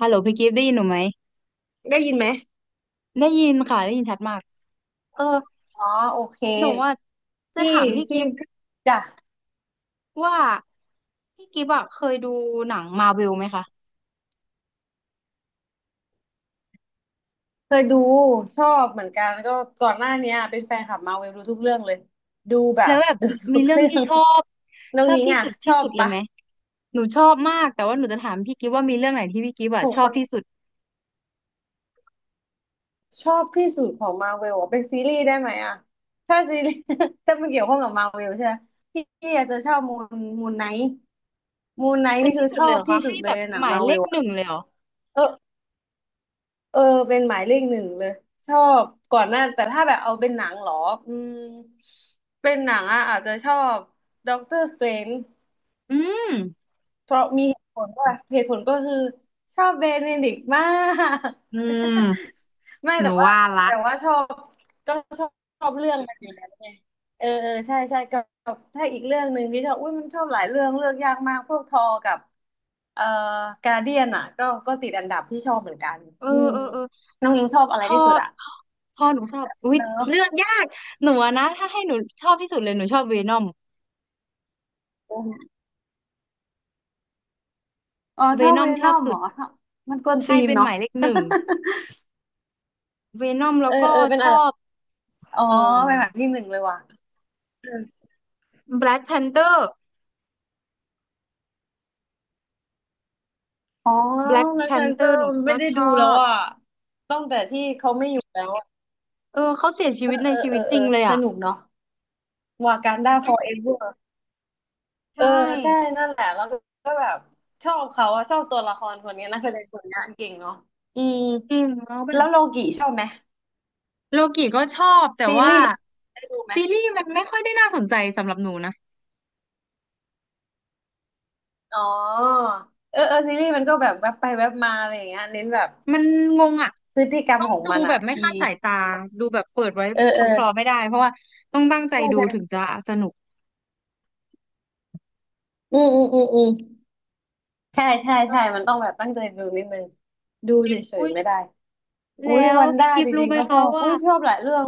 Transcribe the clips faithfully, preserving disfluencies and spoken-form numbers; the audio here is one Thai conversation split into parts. ฮัลโหลพี่กิฟต์ได้ยินหนูไหมได้ยินไหมได้ยินค่ะได้ยินชัดมากเอออ๋อโอเค หนูอ่ะจะพี่ถามพี่พี่กิฟต์จ้ะว่าพี่กิฟต์อ่ะเคยดูหนังมาเวลไหมคะเคยดูชอบเหมือนกันแล้วก็ก่อนหน้าเนี้ยเป็นแฟนคลับมาเวลรู้ทุกเรื่องเลย ดูแบแล้บ วแบบ ดูทุมีกเรื่องเรื่อที่งชอบน้องชอบนิ้งที่อ่ะสุดชที่อบสุดเลยปะไหมหนูชอบมากแต่ว่าหนูจะถามพี่กิฟต์ว่ามีเรื่องไหนที่พี่กิฟต์ขอ่ะองชอบมาที่สุดชอบที่สุดของมาเวลอเป็นซีรีส์ได้ไหมอ่ะถ้าซีรีส์ ถ้ามันเกี่ยวข้องกับมาเวลใช่ไหม พี่อาจจะชอบมูนมูนไนท์มูนไนท์เป็นนี่คืที่อสุชดอเลยเหบรอที่คะสุให้ดเลแบยบหนัหงมายมาเลเวขลหอ่ะนึ่งเลยเหรอเออ เออเป็นหมายเลขหนึ่งเลยชอบก่อนหน้าแต่ถ้าแบบเอาเป็นหนังเหรออืมเป็นหนังอ่ะอาจจะชอบด็อกเตอร์สเตรน อืมเพราะมีเหตุผลว่าเหตุผลก็คือชอบเบเนดิกต์มาก อื มไม่หแต่นูว่าว่าละแต่ว่าชอบก็ชอบชอบเรื่องมันอยู่แล้วไงเออเออใช่ใช่ก็ถ้าอีกเรื่องหนึ่งที่ชอบอุ้ยมันชอบหลายเรื่องเลือกยากมากพวกทอกับเอ่อการเดียนอ่ะก็ก็ติดอันดับที่ชอบเหมือนกันเอออืมเออเออ น้องยิงชอบอะไรชที่อสุดอ่ะชอหนูชอบอุ๊ยเนอะเลือกยาก หนูอะนะ ถ้าให้หนูชอบที่สุดเลย หนูชอบเวนอมอ๋อเวชอบนอเวมชนออบมสุเหรด อมันกวนตีให้นเป็นหเนาะ มายเลขหนึ่ง เวนอมแล้เอวอก็เออเป็นชอะไรอบอ๋อเอ่อเป็นแบบที่หนึ่งเลยว่ะ แบล็กแพนเตอร์อ๋อแบล็กแบ็แพคแพนนเตเตออร์หร์นูไม่ก็ได้ชดูอแล้วบอ่ะตั้งแต่ที่เขาไม่อยู่แล้วอะเออเขาเสียชีเออวิตในเออชีวิตจเอริองเลยสอ่ะ นุกเนาะวากันดาฟอร์เอเวร์เออใช่ใช่นั่นแหละ แล้วก็ก็แบบชอบเขาอะชอบตัวละครคนนี้นักแสดงคนนี้เก่งเนาะอืมจริงแล้วแบแล้วบโลกิชอบไหมโลกิก็ชอบ แต่ซีว่ารีส์โลกิได้ดูไหมซีรีส์มันไม่ค่อยได้น่าสนใจสำหรับหนูนะ อ๋อเออเออซีรีส์มันก็แบบแวบไปแวบมาอะไรอย่างเงี้ยเน้นแบบมันงงอ่ะพฤติกรรมต้องของดูมันแบอ่ะบไม่อีคาดสายตาดูแบบเปิดไว้เออคเออลอๆไม่ได้เพราะว่าต้องตั้งใจใช่ดูถึงใช่จะสนุกอืมอืมอืมอืม ใช่ใช่แล้วใช่มันต้องแบบตั้งใจดูนิดนึงดูเฉยอุยๆไม่ได้อุ้ยแล้ววันพี่ด้ากิฟจต์รู้ริงไหมๆก็ชคะอบว่าอุ้ยชอบหลายเรื่อง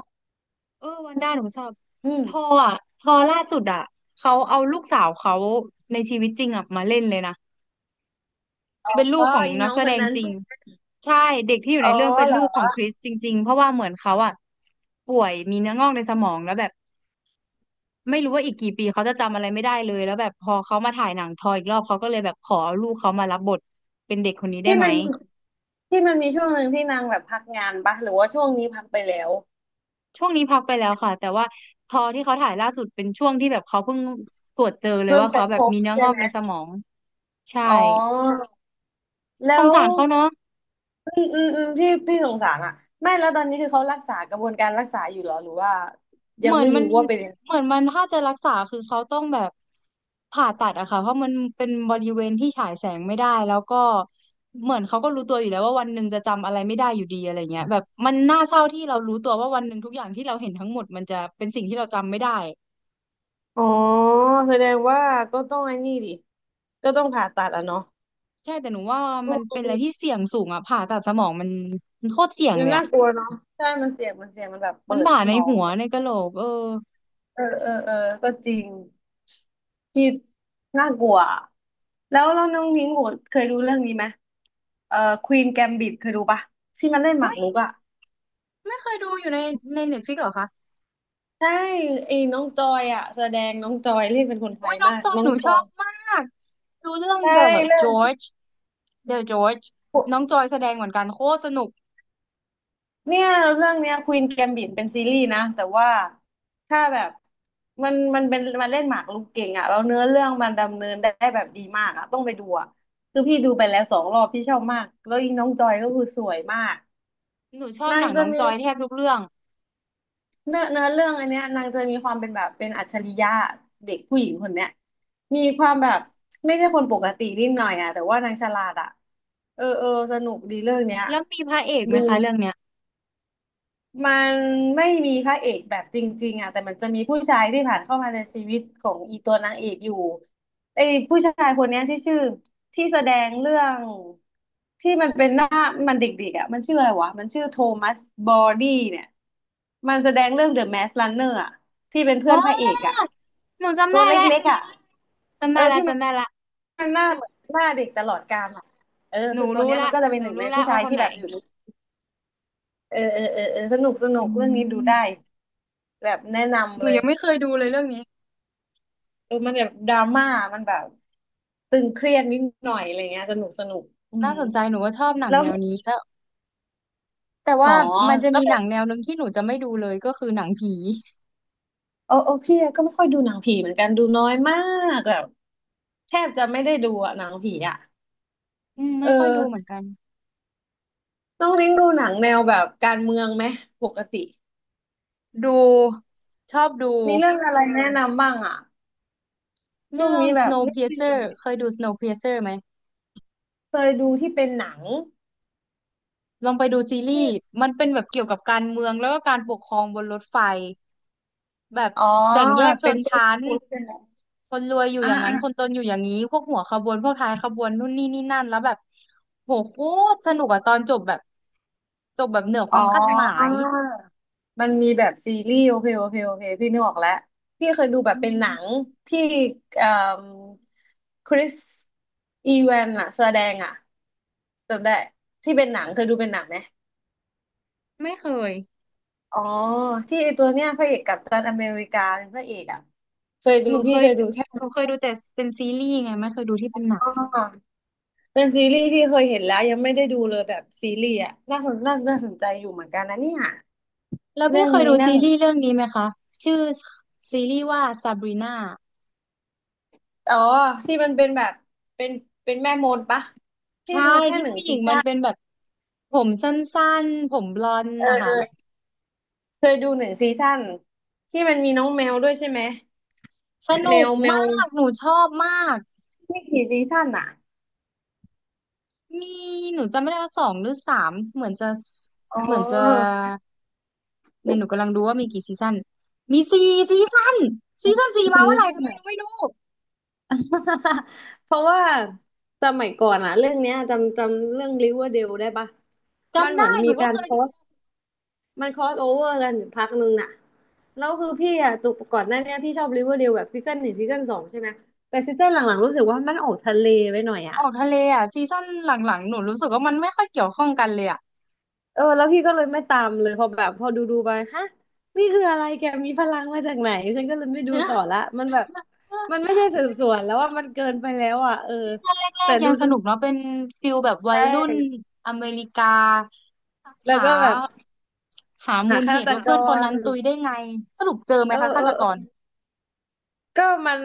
เออวันด้าหนูชอบอืมทออ่ะทอล่าสุดอ่ะเขาเอาลูกสาวเขาในชีวิตจริงอ่ะมาเล่นเลยนะเป็นลูอ๋กอของอีนักน้องแสคดนงนั้นจริงชื่อใช่เด็กที่อยู่อ๋อในเรื่องเป็นเหรลูกของอคริสจริงๆเพราะว่าเหมือนเขาอ่ะป่วยมีเนื้องอกในสมองแล้วแบบ ไม่รู้ว่าอีกกี่ปีเขาจะจำอะไรไม่ได้เลยแล้วแบบพอเขามาถ่ายหนังทอยอีกรอบเขาก็เลยแบบขอลูกเขามารับบทเป็นเด็กคนนี้ได้ที่ไหมมันที่มันมีช่วงหนึ่งที่นางแบบพักงานปะหรือว่าช่วงนี้พักไปแล้วช่วงนี้พักไปแล้วค่ะแต่ว่าทอที่เขาถ่ายล่าสุดเป็นช่วงที่แบบเขาเพิ่งตรวจเจอเลยเพิ่งว่าค้เขานแบพบบมีเนื้อใช่งอกไหมในสมองใช่อ๋อสแล้งวสารเขาเนาะ อืมอืมอืมที่พี่สงสารอ่ะไม่แล้วตอนนี้คือเขารักษากระบวนการรักษาอยู่เหรอหรือว่ายัเหงมือนไม่มันรู้ว่าเป็นยังไงเหมือนมันถ้าจะรักษาคือเขาต้องแบบผ่าตัดอะค่ะเพราะมันเป็นบริเวณที่ฉายแสงไม่ได้แล้วก็เหมือนเขาก็รู้ตัวอยู่แล้วว่าวันหนึ่งจะจำอะไรไม่ได้อยู่ดีอะไรเงี้ยแบบมันน่าเศร้าที่เรารู้ตัวว่าวันหนึ่งทุกอย่างที่เราเห็นทั้งหมดมันจะเป็นสิ่งที่เราจำไม่ได้อ๋อแสดงว่าก็ต้องไอ้นี่ดิ ก็ต้องผ่าตัดอ่ะเนาะ ใช่แต่หนูว่ามันเป็นอะไรที่เสี่ยงสูงอะผ่าตัดสมองมันมันโคตรเสี่ยงมัเลนยน่าอะกลัวเนาะใช่มันเสี่ยงมันเสี่ยงมันแบบมันเปิดบาดสในมองหัวในกะโหลกเออเออเออเออก็จริงที่น่ากลัวแล้วแล้วน้องนิ้งโหดเคยดูเรื่องนี้ไหมเอ่อควีนแกมบิดเคยดูปะที่มันเล่นหมาอุ้กยรุกอ่ะไม่เคยดูอยู่ในในเน็ตฟลิกเหรอคะใช่ไอ้น้องจอยอ่ะแสดงน้องจอยเล่นเป็นคนไทอุ้ยยน้อมางกจอยน้อหงนูจชออยบมากดูเรื่อง ใช่ The เรื่อง George เดอะจอร์จน้องจอยแสดงเหมือนกันโคตรสนุกเนี่ยเรื่องเนี้ยควีนแกมบิทเป็นซีรีส์นะแต่ว่าถ้าแบบมันมันเป็นมันเล่นหมากรุกเก่งอ่ะแล้วเนื้อเรื่องมันดำเนินได้แบบดีมากอ่ะต้องไปดูอ่ะคือพี่ดูไปแล้วสองรอบพี่ชอบมากแล้วอีน้องจอยก็คือสวยมากหนูชอบนาหงนังจะน้องมีจอยแทบทุกเรื่องเนื้อเนื้อเรื่องอันเนี้ยนางจะมีความเป็นแบบเป็นอัจฉริยะเด็กผู้หญิงคนเนี้ยมีความแบบไม่ใช่คนปกตินิดหน่อยอ่ะแต่ว่านางฉลาดอ่ะเออเออสนุกดีเรื่องเนี้ยแล้วมีพระเอกไหมดู คะเรื่องเนี้ยมันไม่มีพระเอกแบบจริงๆอ่ะแต่มันจะมีผู้ชายที่ผ่านเข้ามาในชีวิตของอีตัวนางเอกอยู่ไอ้ผู้ชายคนเนี้ยที่ชื่อที่แสดงเรื่องที่มันเป็นหน้ามันเด็กๆอ่ะมันชื่ออะไรวะมันชื่อโทมัสบอดี้เนี่ยมันแสดงเรื่อง เดอะ มาสก์ รันเนอร์ อ่ะที่เป็นเพื่อ๋อนพระเออกอ่ะหนูจำตัวได้เลแล้ว็กๆอ่ะจำเอได้อแล้วที่มันจำได้ละหน้าเหมือนหน้าเด็กตลอดกาลอ่ะเออหนูคือตัวรู้เนี้ยมัละนก็จะเป็หนหนูนึ่งในรู้ละผู้ชาว่ายคนที่ไหนแบบอยู่ในเออเออเออเออสนุกสนุอืกเรื่องนี้ดูได้ มแบบแนะหนำนูเลยยังไม่เคยดูเลยเรื่องนี้เออมันแบบดราม่ามันแบบตึงเครียดนิดหน่อยอะไรเงี้ยสนุกสนุกอืน่ามสนใจหนูก็ชอบหนังแล้วแนวนี้แล้วแต่อ๋ว่าอมันจะแล้มีวหนังแนวหนึ่งที่หนูจะไม่ดูเลยก็คือหนังผีโอ้โอ้พี่ก็ไม่ค่อยดูหนังผีเหมือนกันดูน้อยมากแบบแทบจะไม่ได้ดูอะหนังผีอะอืมเอไม่ค่อยดูเหมือนอกันน้องลิงดูหนังแนวแบบการเมืองไหมปกติดูชอบดูมีเรื่องอะไรแนะนำบ้างอะช่วงเรื่อง นี้แบบไม่ได้ดู Snowpiercer เคยดู Snowpiercer ไหม เคยดูที่เป็นหนังลองไปดูซีทีรีส์่มันเป็นแบบเกี่ยวกับการเมืองแล้วก็การปกครองบนรถไฟแบบอ๋อแบ่งแยกชเป็นนตู้ชั้น ใช่ไหมคนรวยอยู่ออย่างนั้น คน่า จนอยู่อย่างนี้ พวกหัวขบวนพวกท้ายขบวนนู่นนี่นี่นั่นแล้วแบบโหโคตรสนุกอะตอนจบแบบจบแบบเหนือคอ๋วามคาดหมาอยมันมีแบบซีรีส์โอเคโอเคโอเคพี่นึกออกแล้วพี่เคยดูแบบอืเป็นหนัมงที่เอ่มคริสอีแวนอะแสดงอะจำได้ที่เป็นหนังเคยดูเป็นหนังไหมไม่เคยอ๋อที่ไอตัวเนี้ยพระเอกกัปตันอเมริกาเป็นพระเอกอะเคยดูหนูเคพี่ยเคยดูแค่หนูเคยดูแต่เป็นซีรีส์ไงไม่เคยดูที่เป็นหนังอ๋อเป็นซีรีส์พี่เคยเห็นแล้วยังไม่ได้ดูเลยแบบซีรีส์อะน่าสนน่าน่าสนใจอยู่เหมือนกันนะเนี่ยแล้วพี่เรื่องเคยนี้ดูน่า ซีรีส์เรื่องนี้ไหมคะชื่อซีรีส์ว่าซาบรีนา อ๋อที่มันเป็นแบบเป็นเป็นแม่มดปะที่ใช่ดูแค่ที่หนึ่งผู้หญิซีงมัซั่นนเป็นแบบผมสั้นๆผมบลอนด์เอนะอเอคะอเคยดูหนึ่งซีซั่นที่มันมีน้องแมวด้วยใช่ไหมสแมนุกวแมวมากหนูชอบมากไม่กี่ซีซั่นอ่ะมีหนูจำไม่ได้ว่าสองหรือสามเหมือนจะอ๋เหมือนจะอเนี่ยหนูกำลังดูว่ามีกี่ซีซั่นมีสี่ซีซั่นซีซั่นสี่มาซีเมื่อไหร่ซั่ก็นไม่อะ รู้ไม่รู้ เพราะว่าสมัยก่อนอ่ะเรื่องเนี้ยจำจำเรื่อง Riverdale ได้ปะมันจำเหมือได้นหมีนูก็การเคคยอดูส มันค r อสโอเวอร์กันอยู่พักหนึ่งน่ะแล้วคือพี่อะตกก่อนหน้าเนี้ยพี่ชอบริเวอร์เดลแบบซีซั่นหนึ่งซีซั่นสองใช่ไหมแต่ซีซั่นหลังๆรู้สึกว่ามันออกทะเลไปหน่อยออะอกทะเลอ่ะซีซั่นหลังๆหนูรู้สึกว่ามันไม่ค่อยเกี่ยวข้องกันเลยอ่ะ เออแล้วพี่ก็เลยไม่ตามเลยพอแบบพอดูดูไปฮะนี่คืออะไรแกมีพลังมาจากไหนฉันก็เลยไม่ดูต่อละมันแบบมัน ไม่ใช่สืบสวนแล้วว่ามันเกินไปแล้วอ่ะเออแรแต่กๆยัดูงสจนนุกเนาะเป็นฟิลแบบใชวัยรุ่น่อเมริกาแล้วหาก็แบบหามูหาลเหฆาตตุว่ากเพื่อนคนนั้รนตุยได้ไงสรุปเจอไหมเออคะฆาเออตกเออรก็มัน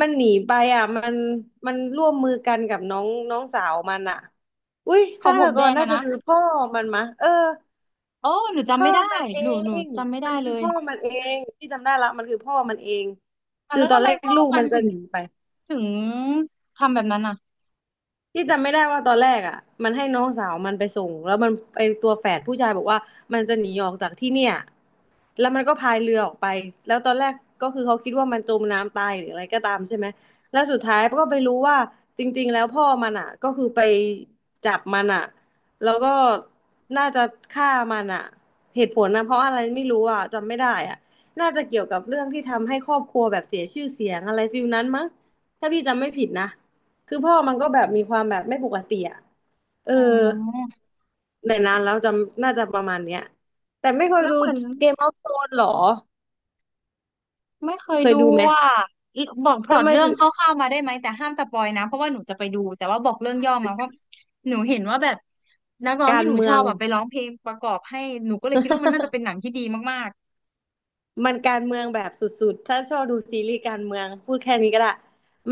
มันหนีไปอ่ะมันมันร่วมมือกันกับน้องน้องสาวมันอ่ะอุ้ยขอฆางผตมกแดรงน่าอะจะนะคือพ่อมันมะเออโอ้หนูจำพ่อไม่ได้มันเอหนูงหนูจำไม่ได้มันเลคือยพ่อมันเองที่จำได้ละมันคือพ่อมันเองอ่ะคือแล้วตอทำนไมแรกพ่อลูกมันมันจะถึงหนีไป ถึงทำแบบนั้นอ่ะที่จำไม่ได้ว่าตอนแรกอ่ะมันให้น้องสาวมันไปส่งแล้วมันไอตัวแฝดผู้ชายบอกว่ามันจะหนีออกจากที่เนี่ยแล้วมันก็พายเรือออกไปแล้วตอนแรกก็คือเขาคิดว่ามันจมน้ำตายหรืออะไรก็ตามใช่ไหมแล้วสุดท้ายก็ไปรู้ว่าจริงๆแล้วพ่อมันอ่ะก็คือไปจับมันอ่ะแล้วก็น่าจะฆ่ามันอ่ะเหตุผลนะเพราะอะไรไม่รู้อ่ะจำไม่ได้อ่ะน่าจะเกี่ยวกับเรื่องที่ทำให้ครอบครัวแบบเสียชื่อเสียงอะไรฟิลนั้นมั้งถ้าพี่จำไม่ผิดนะ คือพ่อมันก็แบบมีความแบบไม่ปกติอ่ะเอออ๋อแต่นานแล้วจำน่าจะประมาณเนี้ยแต่ไม่เคยแล้วดูเหมือน เกมออฟโธรนหรอ ไม่เคยเคยดูดูไหมอ่ะบอกพล็อทำตไมเรื่องถึงคร่าวๆมาได้ไหมแต่ห้ามสปอยนะเพราะว่าหนูจะไปดูแต่ว่าบอกเรื่องย่อมาเพราะหนูเห็นว่าแบบนักร้องกาที่รหนูเมืชออง บอะไปร้องเพลงประกอบให้หนูก็เลยคิดว่ามันน่าจะเป็ นหนังที่ดีมากมันการเมืองแบบสุดๆถ้าชอบดูซีรีส์การเมืองพูดแค่นี้ก็ได้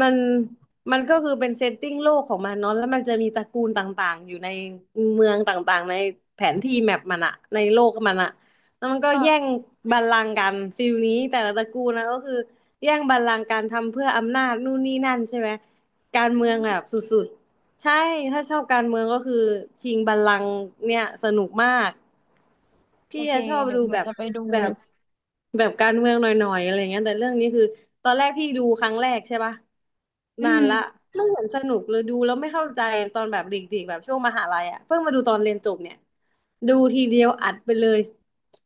มันมันก็คือเป็นเซตติ้งโลกของมันเนาะแล้วมันจะมีตระกูลต่างๆอยู่ในเมืองต่างๆในแผนที่แมปมันอะในโลกมันอะแล้วมันก็ๆก็แย่งบัลลังก์กันฟิลนี้แต่ละตระกูลนะก็คือแย่งบัลลังก์การทำเพื่ออำนาจนู่นนี่นั่นใช่ไหมการอืเมืองแบบมสุดๆใช่ถ้าชอบการเมืองก็คือชิงบัลลังก์เนี่ยสนุกมากโอพี่เคอะชอบเดี๋ยดูวหนูแบบ จะไปดูแบบแบบการเมืองหน่อยๆอะไรเงี้ยแต่เรื่องนี้คือตอนแรกพี่ดูครั้งแรกใช่ปะอืนานมละไม่เห็นสนุกเลยดูแล้วไม่เข้าใจตอนแบบเด็กๆแบบช่วงมหาลัยอ่ะเพิ่งมาดูตอนเรียนจบเนี่ยดูทีเดียวอัดไปเลย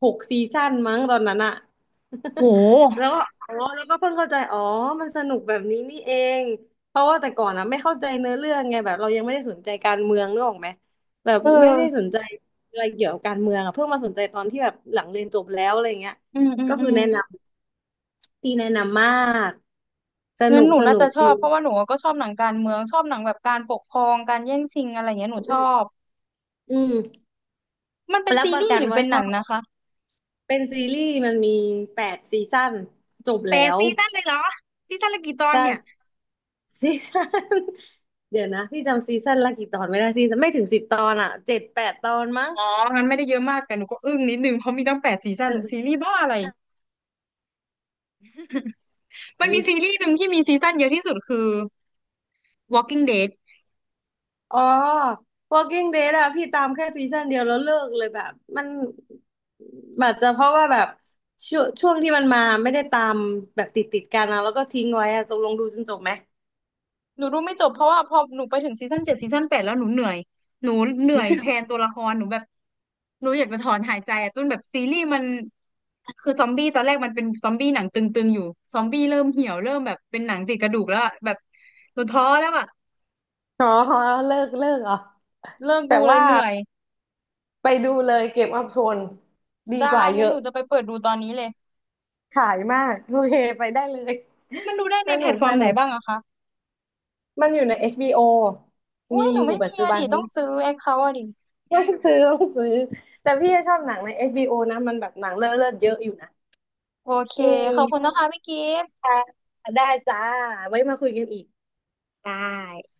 หกซีซั่นมั้งตอนนั้นอ่ะ โ หแล้วก็อ๋อแล้วก็เพิ่งเข้าใจอ๋อมันสนุกแบบนี้นี่เองเพราะว่าแต่ก่อนอ่ะไม่เข้าใจเนื้อเรื่องไงแบบเรายังไม่ได้สนใจการเมืองนึกออกไหมแบบเไม่ได้สออนใจ อะไรเกี่ยวกับการเมืองอ่ะเพิ่งมาสนใจตอนที่แบบหลังเรียนจบแล้วอะไรเงี้ยอืมอืมก็อืคือมแนะนำที่แนะนำมากสงั้นุนกหนูสน่านุกจะชจอริบงเพราะว่าหนูก็ชอบหนังการเมืองชอบหนังแบบการปกครองการแย่งชิงอะไรอย่างเงี้ยหนูชอบอืมมันเป็นรับซีประรีส์กันหรือว่าเป็นชหอนังบนะคะเป็นซีรีส์มันมีแปดซีซั่นจบแล้แต่ว ซีซั่นเลยเหรอซีซั่นละกี่ตอนแต่เนี่ย ซีซั่น เดี๋ยวนะพี่จำซีซั่นละกี่ตอนไม่ได้ซีซั่นไม่ถึงสิบตอนอ่ะเจ็ดแปดตอนมั้งอ๋อมันไม่ได้เยอะมากแต่หนูก็อึ้งนิดนึงเพราะมีตั้งแปดซีซั่นซีรีส์บ้าอะไร มันเอมีซีอ รีส์หนึ่งที่มีซีซั่นเยอะที่สุดคือ Walking Dead อ๋อ Walking Dead อะพี่ตามแค่ซีซั่นเดียวแล้วเลิกเลยแบบมันอาจจะเพราะว่าแบบช่วงช่วงที่มันมาไม่ได้ตามแบบติดติดกันนะแล้วก็ทิ้งไว้อะตกลงดูจนจบไหมหนูดูไม่จบเพราะว่าพอหนูไปถึงซีซั่นเจ็ดซีซั่นแปดแล้วหนูเหนื่อยหนูเหนื่อยแทนตัวละครหนูแบบหนูอยากจะถอนหายใจอะจนแบบซีรีส์มันคือซอมบี้ตอนแรกมันเป็นซอมบี้หนังตึงๆอยู่ซอมบี้เริ่มเหี่ยวเริ่มแบบเป็นหนังติดกระดูกแล้วอะแบบหนูท้อแล้วอะอ๋อเลิกเลิกเหรอเลิกแต่ดูเลว่ายเหนื่อยไปดูเลยเกมออฟโทนดีได้กว่าเยงั้นหอะนูจะไปเปิดดูตอนนี้เลยขายมากโอเคไปได้เลยมันดูได้สในแพนุลกตฟอสร์มไหนุนกบ้างอะคะ มันอยู่ใน เอช บี โอ อุ้มีย หอนูยู่ไม่ปัจมีจุอะบัน ดิ ต้อนี้งซื้อแอคเคาท์อะดิต้องซื้อต้องซื้อแต่พี่ชอบหนังใน เอช บี โอ นะมันแบบหนังเลิศเลิศเยอะอยู่นะ โอเค อืขอบคุณมนะคะพี่กิฟต์ค่ะได้จ้าไว้มาคุยกันอีกได้